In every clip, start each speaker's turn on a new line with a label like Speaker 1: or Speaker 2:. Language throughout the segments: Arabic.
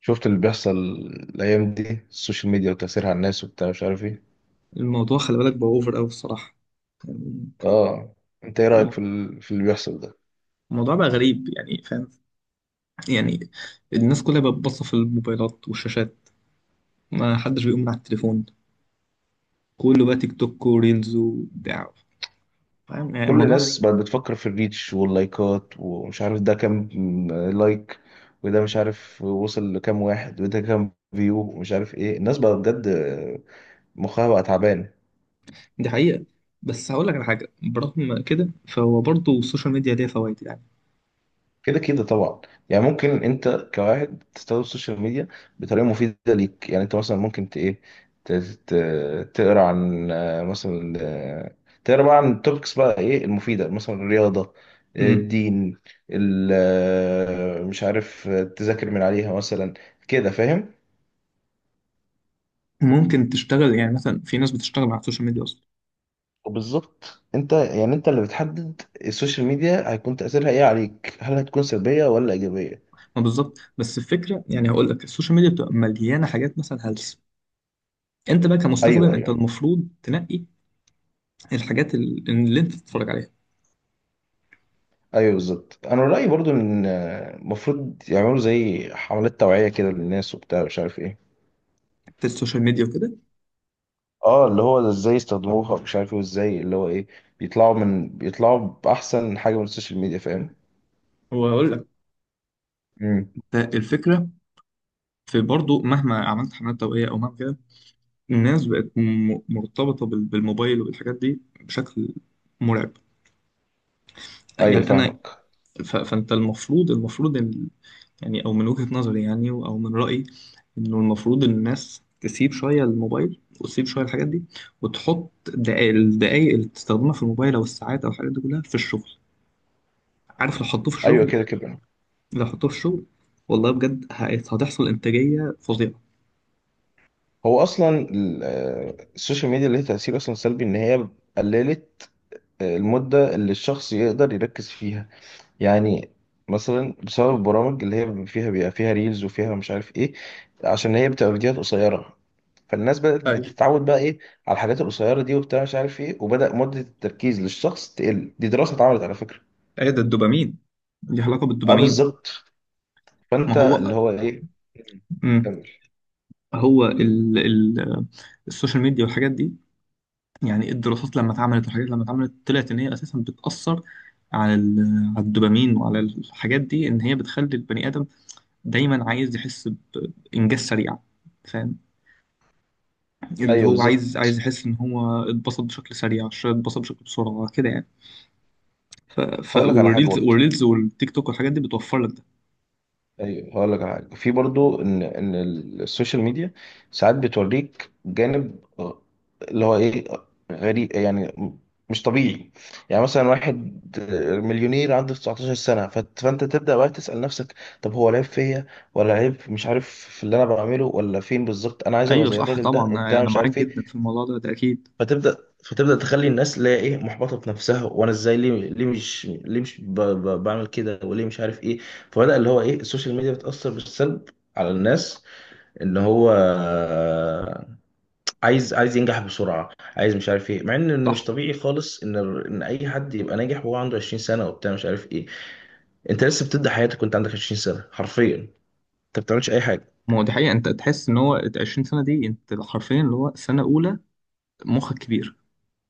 Speaker 1: شفت اللي بيحصل الايام دي السوشيال ميديا وتاثيرها على الناس وبتاع مش عارف ايه.
Speaker 2: الموضوع خلي بالك بقى اوفر قوي الصراحه يعني.
Speaker 1: اه، انت ايه رايك
Speaker 2: الم-
Speaker 1: في اللي بيحصل ده؟
Speaker 2: الموضوع بقى غريب يعني، فاهم يعني. الناس كلها بقت باصه في الموبايلات والشاشات، ما حدش بيقوم من على التليفون، كله بقى تيك توك وريلز وبتاع. فاهم يعني
Speaker 1: كل
Speaker 2: الموضوع
Speaker 1: الناس
Speaker 2: غريب.
Speaker 1: بقت بتفكر في الريتش واللايكات ومش عارف ده كام لايك، وده مش عارف وصل لكام واحد، وده كام فيو، ومش عارف ايه. الناس بقى بجد مخها بقى تعبان.
Speaker 2: دي حقيقه، بس هقول لك على حاجه، برغم كده فهو برضه السوشيال ميديا ليها فوائد يعني.
Speaker 1: كده كده طبعا، يعني ممكن انت كواحد تستخدم السوشيال ميديا بطريقه مفيده ليك. يعني انت مثلا ممكن ت ايه، تقرا عن مثلا، تقرا بقى عن التوبكس بقى ايه المفيده، مثلا الرياضه،
Speaker 2: مم.
Speaker 1: الدين، مش عارف، تذاكر من عليها مثلا، كده فاهم.
Speaker 2: ممكن تشتغل، يعني مثلا في ناس بتشتغل على السوشيال ميديا اصلا.
Speaker 1: وبالظبط، انت يعني انت اللي بتحدد السوشيال ميديا هيكون تاثيرها ايه عليك، هل هتكون سلبيه ولا ايجابيه.
Speaker 2: ما بالظبط، بس الفكره يعني هقول لك، السوشيال ميديا بتبقى مليانه حاجات مثلا هلس. انت بقى كمستخدم
Speaker 1: ايوه
Speaker 2: انت
Speaker 1: ايوه
Speaker 2: المفروض تنقي الحاجات اللي انت بتتفرج عليها،
Speaker 1: ايوه بالظبط. انا رايي برضو ان المفروض يعملوا زي حملات توعيه كده للناس وبتاع مش عارف ايه.
Speaker 2: بتاعت السوشيال ميديا وكده.
Speaker 1: اه، اللي هو ازاي يستخدموها، مش عارف ايه، وازاي اللي هو ايه بيطلعوا من بيطلعوا باحسن حاجه من السوشيال ميديا، فاهم.
Speaker 2: وهقول لك
Speaker 1: امم،
Speaker 2: انت الفكره، في برضو مهما عملت حملات توعيه او مهما كده، الناس بقت مرتبطه بالموبايل وبالحاجات دي بشكل مرعب،
Speaker 1: ايوه
Speaker 2: يعني انا
Speaker 1: فاهمك،
Speaker 2: فانت المفروض ان، يعني او من وجهه نظري يعني او من رايي، انه المفروض إن الناس تسيب شويه الموبايل وتسيب شويه الحاجات دي، وتحط الدقايق اللي بتستخدمها في الموبايل او الساعات او الحاجات دي كلها في الشغل. عارف، لو حطوه في
Speaker 1: ايوه
Speaker 2: الشغل،
Speaker 1: كده كده.
Speaker 2: لو حطوه في الشغل والله بجد هتحصل انتاجيه فظيعه.
Speaker 1: هو اصلا السوشيال ميديا ليها تاثير اصلا سلبي، ان هي قللت المده اللي الشخص يقدر يركز فيها. يعني مثلا بسبب البرامج اللي هي فيها بيبقى فيها ريلز وفيها مش عارف ايه، عشان هي بتبقى فيديوهات قصيره، فالناس بدأت
Speaker 2: ايوه.
Speaker 1: بتتعود بقى ايه على الحاجات القصيره دي وبتاع مش عارف ايه، وبدأ مده التركيز للشخص تقل. دي دراسه اتعملت على فكره.
Speaker 2: ايه ده الدوبامين، دي علاقه
Speaker 1: اه
Speaker 2: بالدوبامين.
Speaker 1: بالظبط.
Speaker 2: ما
Speaker 1: فانت اللي
Speaker 2: هو
Speaker 1: هو ايه،
Speaker 2: مم.
Speaker 1: كمل.
Speaker 2: هو ال السوشيال ميديا والحاجات دي، يعني الدراسات لما اتعملت والحاجات لما اتعملت، طلعت ان هي اساسا بتاثر على الدوبامين وعلى الحاجات دي، ان هي بتخلي البني ادم دايما عايز يحس بانجاز سريع. فاهم، اللي
Speaker 1: ايوه
Speaker 2: هو
Speaker 1: بالظبط،
Speaker 2: عايز يحس ان هو اتبسط بشكل سريع، اتبسط بشكل بسرعه كده يعني.
Speaker 1: هقول لك على حاجه
Speaker 2: والريلز
Speaker 1: برضه.
Speaker 2: والريلز والتيك توك والحاجات دي بتوفر لك ده.
Speaker 1: ايوه هقول لك على حاجه، في برضو ان السوشيال ميديا ساعات بتوريك جانب اللي هو ايه، غريب، يعني مش طبيعي. يعني مثلا واحد مليونير عنده 19 سنه، فانت تبدا بقى تسال نفسك، طب هو العيب فيا ولا العيب مش عارف في اللي انا بعمله، ولا فين بالظبط؟ انا عايز ابقى
Speaker 2: ايوه
Speaker 1: زي
Speaker 2: صح
Speaker 1: الراجل ده
Speaker 2: طبعا،
Speaker 1: وبتاع
Speaker 2: انا
Speaker 1: مش
Speaker 2: معاك
Speaker 1: عارف
Speaker 2: جدا
Speaker 1: ايه.
Speaker 2: في الموضوع ده اكيد.
Speaker 1: فتبدا فتبدا تخلي الناس اللي هي ايه محبطه في نفسها، وانا ازاي، ليه، ليه مش، ليه مش بعمل كده، وليه مش عارف ايه. فبدا اللي هو ايه السوشيال ميديا بتاثر بالسلب على الناس، ان هو عايز ينجح بسرعه، عايز مش عارف ايه، مع ان إنه مش
Speaker 2: صح.
Speaker 1: طبيعي خالص ان اي حد يبقى ناجح وهو عنده 20 سنه وبتاع مش عارف ايه. انت لسه بتبدا حياتك وانت عندك 20 سنه، حرفيا انت ما بتعملش اي حاجه.
Speaker 2: ما هو دي حقيقه، انت تحس ان هو ال 20 سنه دي، انت حرفيا اللي هو سنه اولى، مخك كبير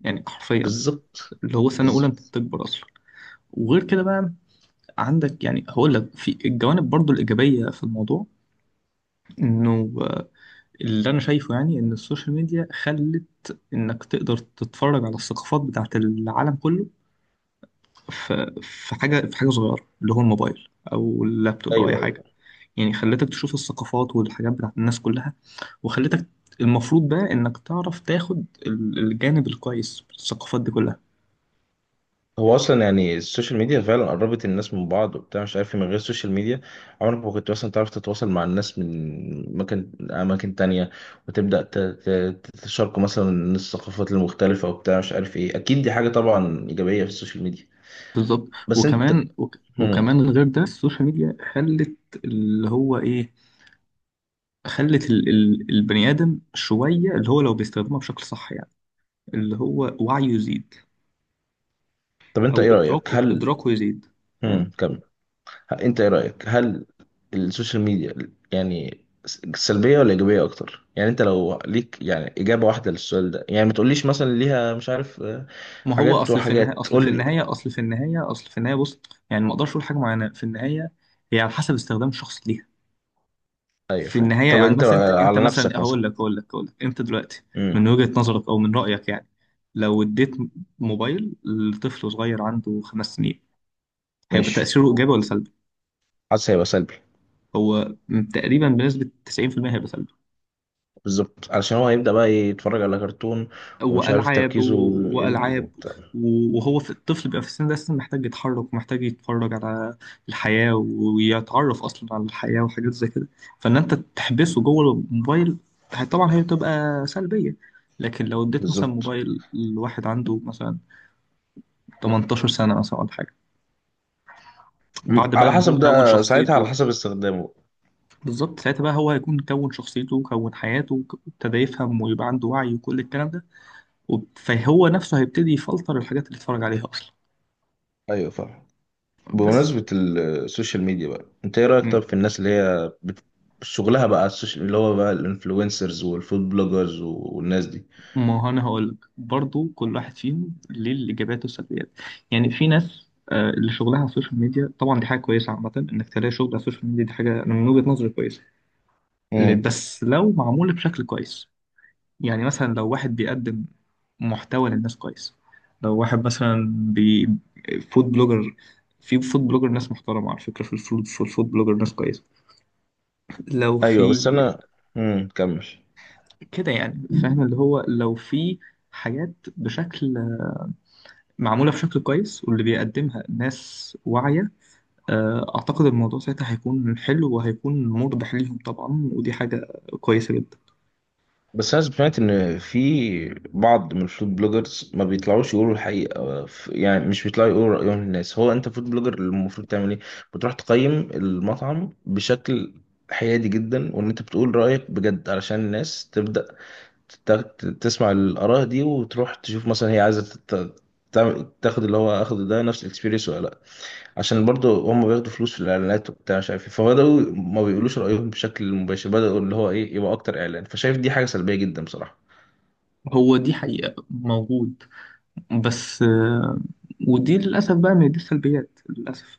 Speaker 2: يعني حرفيا،
Speaker 1: بالظبط،
Speaker 2: اللي هو سنه اولى،
Speaker 1: بالظبط،
Speaker 2: انت بتكبر اصلا. وغير كده بقى، عندك يعني هقول لك في الجوانب برضو الايجابيه في الموضوع، انه اللي انا شايفه يعني ان السوشيال ميديا خلت انك تقدر تتفرج على الثقافات بتاعت العالم كله، في حاجة صغيرة، اللي هو الموبايل أو اللابتوب أو أي
Speaker 1: ايوه
Speaker 2: حاجة.
Speaker 1: ايوه.
Speaker 2: يعني خلتك تشوف الثقافات والحاجات بتاعت الناس كلها، وخلتك، المفروض بقى إنك تعرف تاخد الجانب الكويس في الثقافات دي كلها.
Speaker 1: هو اصلا يعني السوشيال ميديا فعلا قربت الناس من بعض وبتاع مش عارف إيه، من غير السوشيال ميديا عمرك ما كنت مثلا تعرف تتواصل مع الناس من اماكن تانية، وتبدا تتشاركوا مثلا الثقافات المختلفه وبتاع مش عارف ايه. اكيد دي حاجه طبعا ايجابيه في السوشيال ميديا.
Speaker 2: بالظبط.
Speaker 1: بس انت،
Speaker 2: وكمان وك
Speaker 1: هم.
Speaker 2: وكمان غير ده، السوشيال ميديا خلت اللي هو إيه، خلت ال البني آدم شوية، اللي هو لو بيستخدمها بشكل صح يعني، اللي هو وعيه يزيد،
Speaker 1: طب انت
Speaker 2: أو
Speaker 1: ايه رايك،
Speaker 2: إدراكه
Speaker 1: هل،
Speaker 2: إدراكه يزيد.
Speaker 1: كمل. انت ايه رأيك، هل السوشيال ميديا يعني سلبية ولا إيجابية أكتر؟ يعني أنت لو ليك يعني إجابة واحدة للسؤال ده، يعني ما تقوليش مثلا ليها مش عارف
Speaker 2: ما هو
Speaker 1: حاجات
Speaker 2: اصل في النهايه
Speaker 1: وحاجات،
Speaker 2: اصل في
Speaker 1: قول لي.
Speaker 2: النهايه اصل في النهايه اصل في النهايه بص، يعني ما اقدرش اقول حاجه معينه، في النهايه هي على حسب استخدام الشخص ليها.
Speaker 1: أيوه
Speaker 2: في
Speaker 1: فاهم.
Speaker 2: النهايه
Speaker 1: طب
Speaker 2: يعني
Speaker 1: أنت
Speaker 2: مثلا انت
Speaker 1: على
Speaker 2: مثلا
Speaker 1: نفسك مثلا.
Speaker 2: هقول لك انت دلوقتي من
Speaker 1: امم،
Speaker 2: وجهه نظرك او من رايك يعني، لو اديت موبايل لطفل صغير عنده خمس سنين، هيبقى
Speaker 1: ماشي،
Speaker 2: تاثيره ايجابي ولا سلبي؟
Speaker 1: حاسس هيبقى سلبي.
Speaker 2: هو تقريبا بنسبه 90% هيبقى سلبي.
Speaker 1: بالظبط، علشان هو هيبدأ بقى يتفرج على كرتون ومش عارف
Speaker 2: والعاب
Speaker 1: تركيزه
Speaker 2: و-
Speaker 1: يقل
Speaker 2: والعاب
Speaker 1: وبتاع.
Speaker 2: و- وهو، في الطفل بيبقى في السن ده لسه محتاج يتحرك ومحتاج يتفرج على الحياه ويتعرف اصلا على الحياه وحاجات زي كده، فان انت تحبسه جوه الموبايل، طبعا هي بتبقى سلبيه. لكن لو اديت مثلا
Speaker 1: بالظبط،
Speaker 2: موبايل لواحد عنده مثلا 18 سنه مثلا ولا حاجه، بعد بقى
Speaker 1: على
Speaker 2: ما هو
Speaker 1: حسب،
Speaker 2: كون
Speaker 1: ده ساعتها على
Speaker 2: شخصيته.
Speaker 1: حسب استخدامه.
Speaker 2: بالظبط، ساعتها بقى هو هيكون كون شخصيته وكون حياته، وابتدى يفهم ويبقى عنده وعي وكل الكلام ده، فهو نفسه هيبتدي يفلتر الحاجات اللي اتفرج عليها اصلا.
Speaker 1: أيوه فاهم.
Speaker 2: بس
Speaker 1: بمناسبة السوشيال ميديا بقى، انت ايه رأيك
Speaker 2: مم.
Speaker 1: طب في الناس اللي هي شغلها بقى على السوشيال، اللي هو بقى الانفلونسرز والفود بلوجرز والناس دي.
Speaker 2: ما هو انا هقول لك برضه كل واحد فيهم ليه الايجابيات والسلبيات يعني في ناس آه، اللي شغلها على السوشيال ميديا طبعا دي حاجه كويسه عامه انك تلاقي شغل على السوشيال ميديا دي حاجه أنا من وجهه نظري كويسه ل-
Speaker 1: امم،
Speaker 2: بس لو معمول بشكل كويس يعني مثلا لو واحد بيقدم محتوى للناس كويس لو واحد مثلا بي فود بلوجر في فود بلوجر ناس محترمه على فكره في الفود في الفود بلوجر ناس كويسه لو
Speaker 1: ايوه.
Speaker 2: في
Speaker 1: بس انا، كمل.
Speaker 2: كده يعني فاهم اللي هو لو في حاجات بشكل معمولة بشكل كويس واللي بيقدمها ناس واعية آه، أعتقد الموضوع ساعتها هيكون حلو وهيكون مربح ليهم طبعا ودي حاجة كويسة جدا
Speaker 1: بس انا سمعت ان في بعض من الفود بلوجرز ما بيطلعوش يقولوا الحقيقة، يعني مش بيطلعوا يقولوا رأيهم للناس. هو انت فود بلوجر المفروض تعمل ايه؟ بتروح تقيم المطعم بشكل حيادي جدا، وان انت بتقول رأيك بجد علشان الناس تبدأ تسمع الآراء دي، وتروح تشوف مثلا هي عايزة تاخد اللي هو اخده ده نفس الاكسبيرينس ولا لا. عشان برضه هم بياخدوا فلوس في الاعلانات وبتاع مش عارف ايه، فبداوا ما بيقولوش رأيهم بشكل مباشر، بداوا اللي هو ايه يبقى اكتر اعلان. فشايف دي حاجة سلبية جدا بصراحة.
Speaker 2: هو دي حقيقة موجود بس آه، ودي للأسف بقى من دي السلبيات للأسف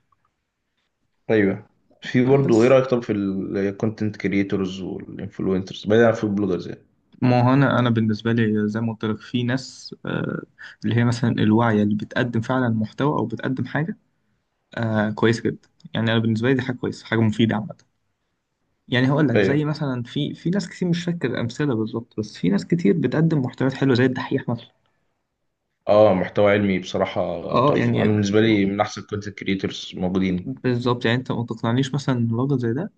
Speaker 1: ايوه. في برضه، ايه
Speaker 2: بس
Speaker 1: رأيك طب في الكونتنت كريتورز والانفلونسرز بعيدا عن البلوجرز يعني.
Speaker 2: ما هو أنا أنا بالنسبة لي زي ما قلت لك، في ناس اللي هي مثلا الواعية اللي بتقدم فعلا محتوى أو بتقدم حاجة كويسة جدا، يعني أنا بالنسبة لي دي حاجة كويسة حاجة مفيدة عامة. يعني هقول لك زي
Speaker 1: ايوه.
Speaker 2: مثلا في ناس كتير، مش فاكر امثله بالظبط، بس في ناس كتير بتقدم محتويات حلوه زي الدحيح مثلا.
Speaker 1: اه، محتوى علمي بصراحة
Speaker 2: اه
Speaker 1: تحفة. انا
Speaker 2: يعني
Speaker 1: بالنسبة لي من احسن الكونتنت كريتورز موجودين.
Speaker 2: بالظبط، يعني انت ما تقنعنيش مثلا إن راجل زي ده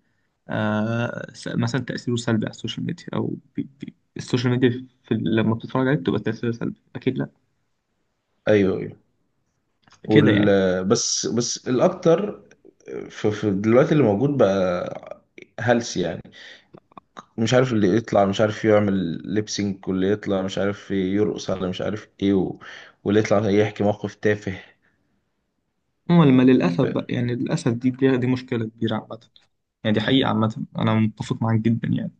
Speaker 2: مثلا تاثيره سلبي على السوشيال ميديا، او بي بي السوشيال ميديا في، لما بتتفرج عليه بتبقى تاثيرها سلبي اكيد لا،
Speaker 1: ايوه ايوه.
Speaker 2: كده
Speaker 1: وال
Speaker 2: يعني.
Speaker 1: بس بس الأكتر في دلوقتي اللي موجود بقى هلس يعني، مش عارف اللي يطلع مش عارف يعمل ليبسينك، واللي يطلع مش عارف يرقص على مش عارف ايه و... واللي يطلع يحكي موقف تافه.
Speaker 2: لما
Speaker 1: ف...
Speaker 2: للاسف بقى، يعني للاسف دي مشكله كبيره عامه، يعني دي حقيقه عامه، انا متفق معاك جدا يعني.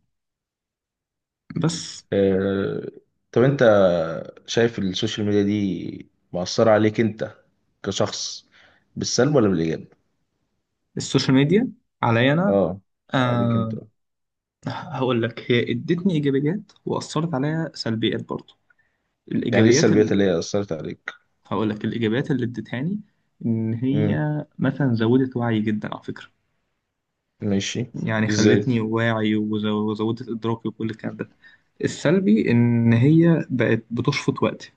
Speaker 2: بس
Speaker 1: آه... طب انت شايف السوشيال ميديا دي مأثرة عليك انت كشخص بالسلب ولا بالإيجاب؟
Speaker 2: السوشيال ميديا عليا انا
Speaker 1: اه، عليك انت.
Speaker 2: آه، هقول لك، هي ادتني ايجابيات واثرت عليا سلبيات برضو.
Speaker 1: يعني ايه
Speaker 2: الايجابيات
Speaker 1: السلبيات اللي هي أثرت عليك؟
Speaker 2: هقول لك الايجابيات اللي ادتهاني، ان هي
Speaker 1: امم،
Speaker 2: مثلا زودت وعي جدا على فكره،
Speaker 1: ماشي،
Speaker 2: يعني
Speaker 1: ازاي؟
Speaker 2: خلتني واعي، وزودت ادراكي وكل الكلام ده. السلبي ان هي بقت بتشفط وقتي.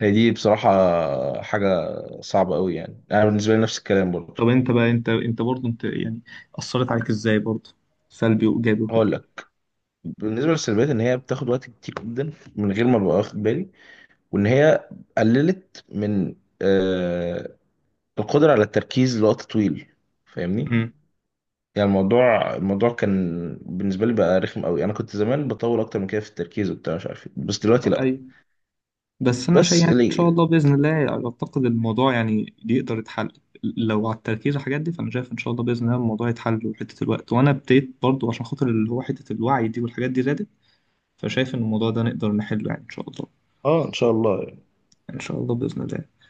Speaker 1: هي دي بصراحة حاجة صعبة قوي. يعني أنا بالنسبة لي نفس الكلام برضه.
Speaker 2: طب انت بقى انت برضو انت يعني، اثرت عليك ازاي برضو، سلبي وايجابي وكده.
Speaker 1: هقول لك، بالنسبة للسلبيات إن هي بتاخد وقت كتير جدا من غير ما أبقى واخد بالي، وإن هي قللت من آه القدرة على التركيز لوقت طويل، فاهمني؟
Speaker 2: مم.
Speaker 1: يعني الموضوع كان بالنسبة لي بقى رخم قوي. أنا كنت زمان بطول أكتر من كده في التركيز وبتاع مش عارف إيه، بس دلوقتي لأ.
Speaker 2: ايوه. بس انا شايف
Speaker 1: بس
Speaker 2: يعني ان شاء
Speaker 1: اللي،
Speaker 2: الله باذن الله اعتقد الموضوع يعني يقدر يتحل، لو على التركيز والحاجات دي، فانا شايف ان شاء الله باذن الله الموضوع يتحل وحته الوقت، وانا ابتديت برضو عشان خاطر اللي هو حته الوعي دي والحاجات دي زادت، فشايف ان الموضوع ده نقدر نحله يعني ان شاء الله.
Speaker 1: آه إن شاء الله.
Speaker 2: يعني ان شاء الله باذن الله.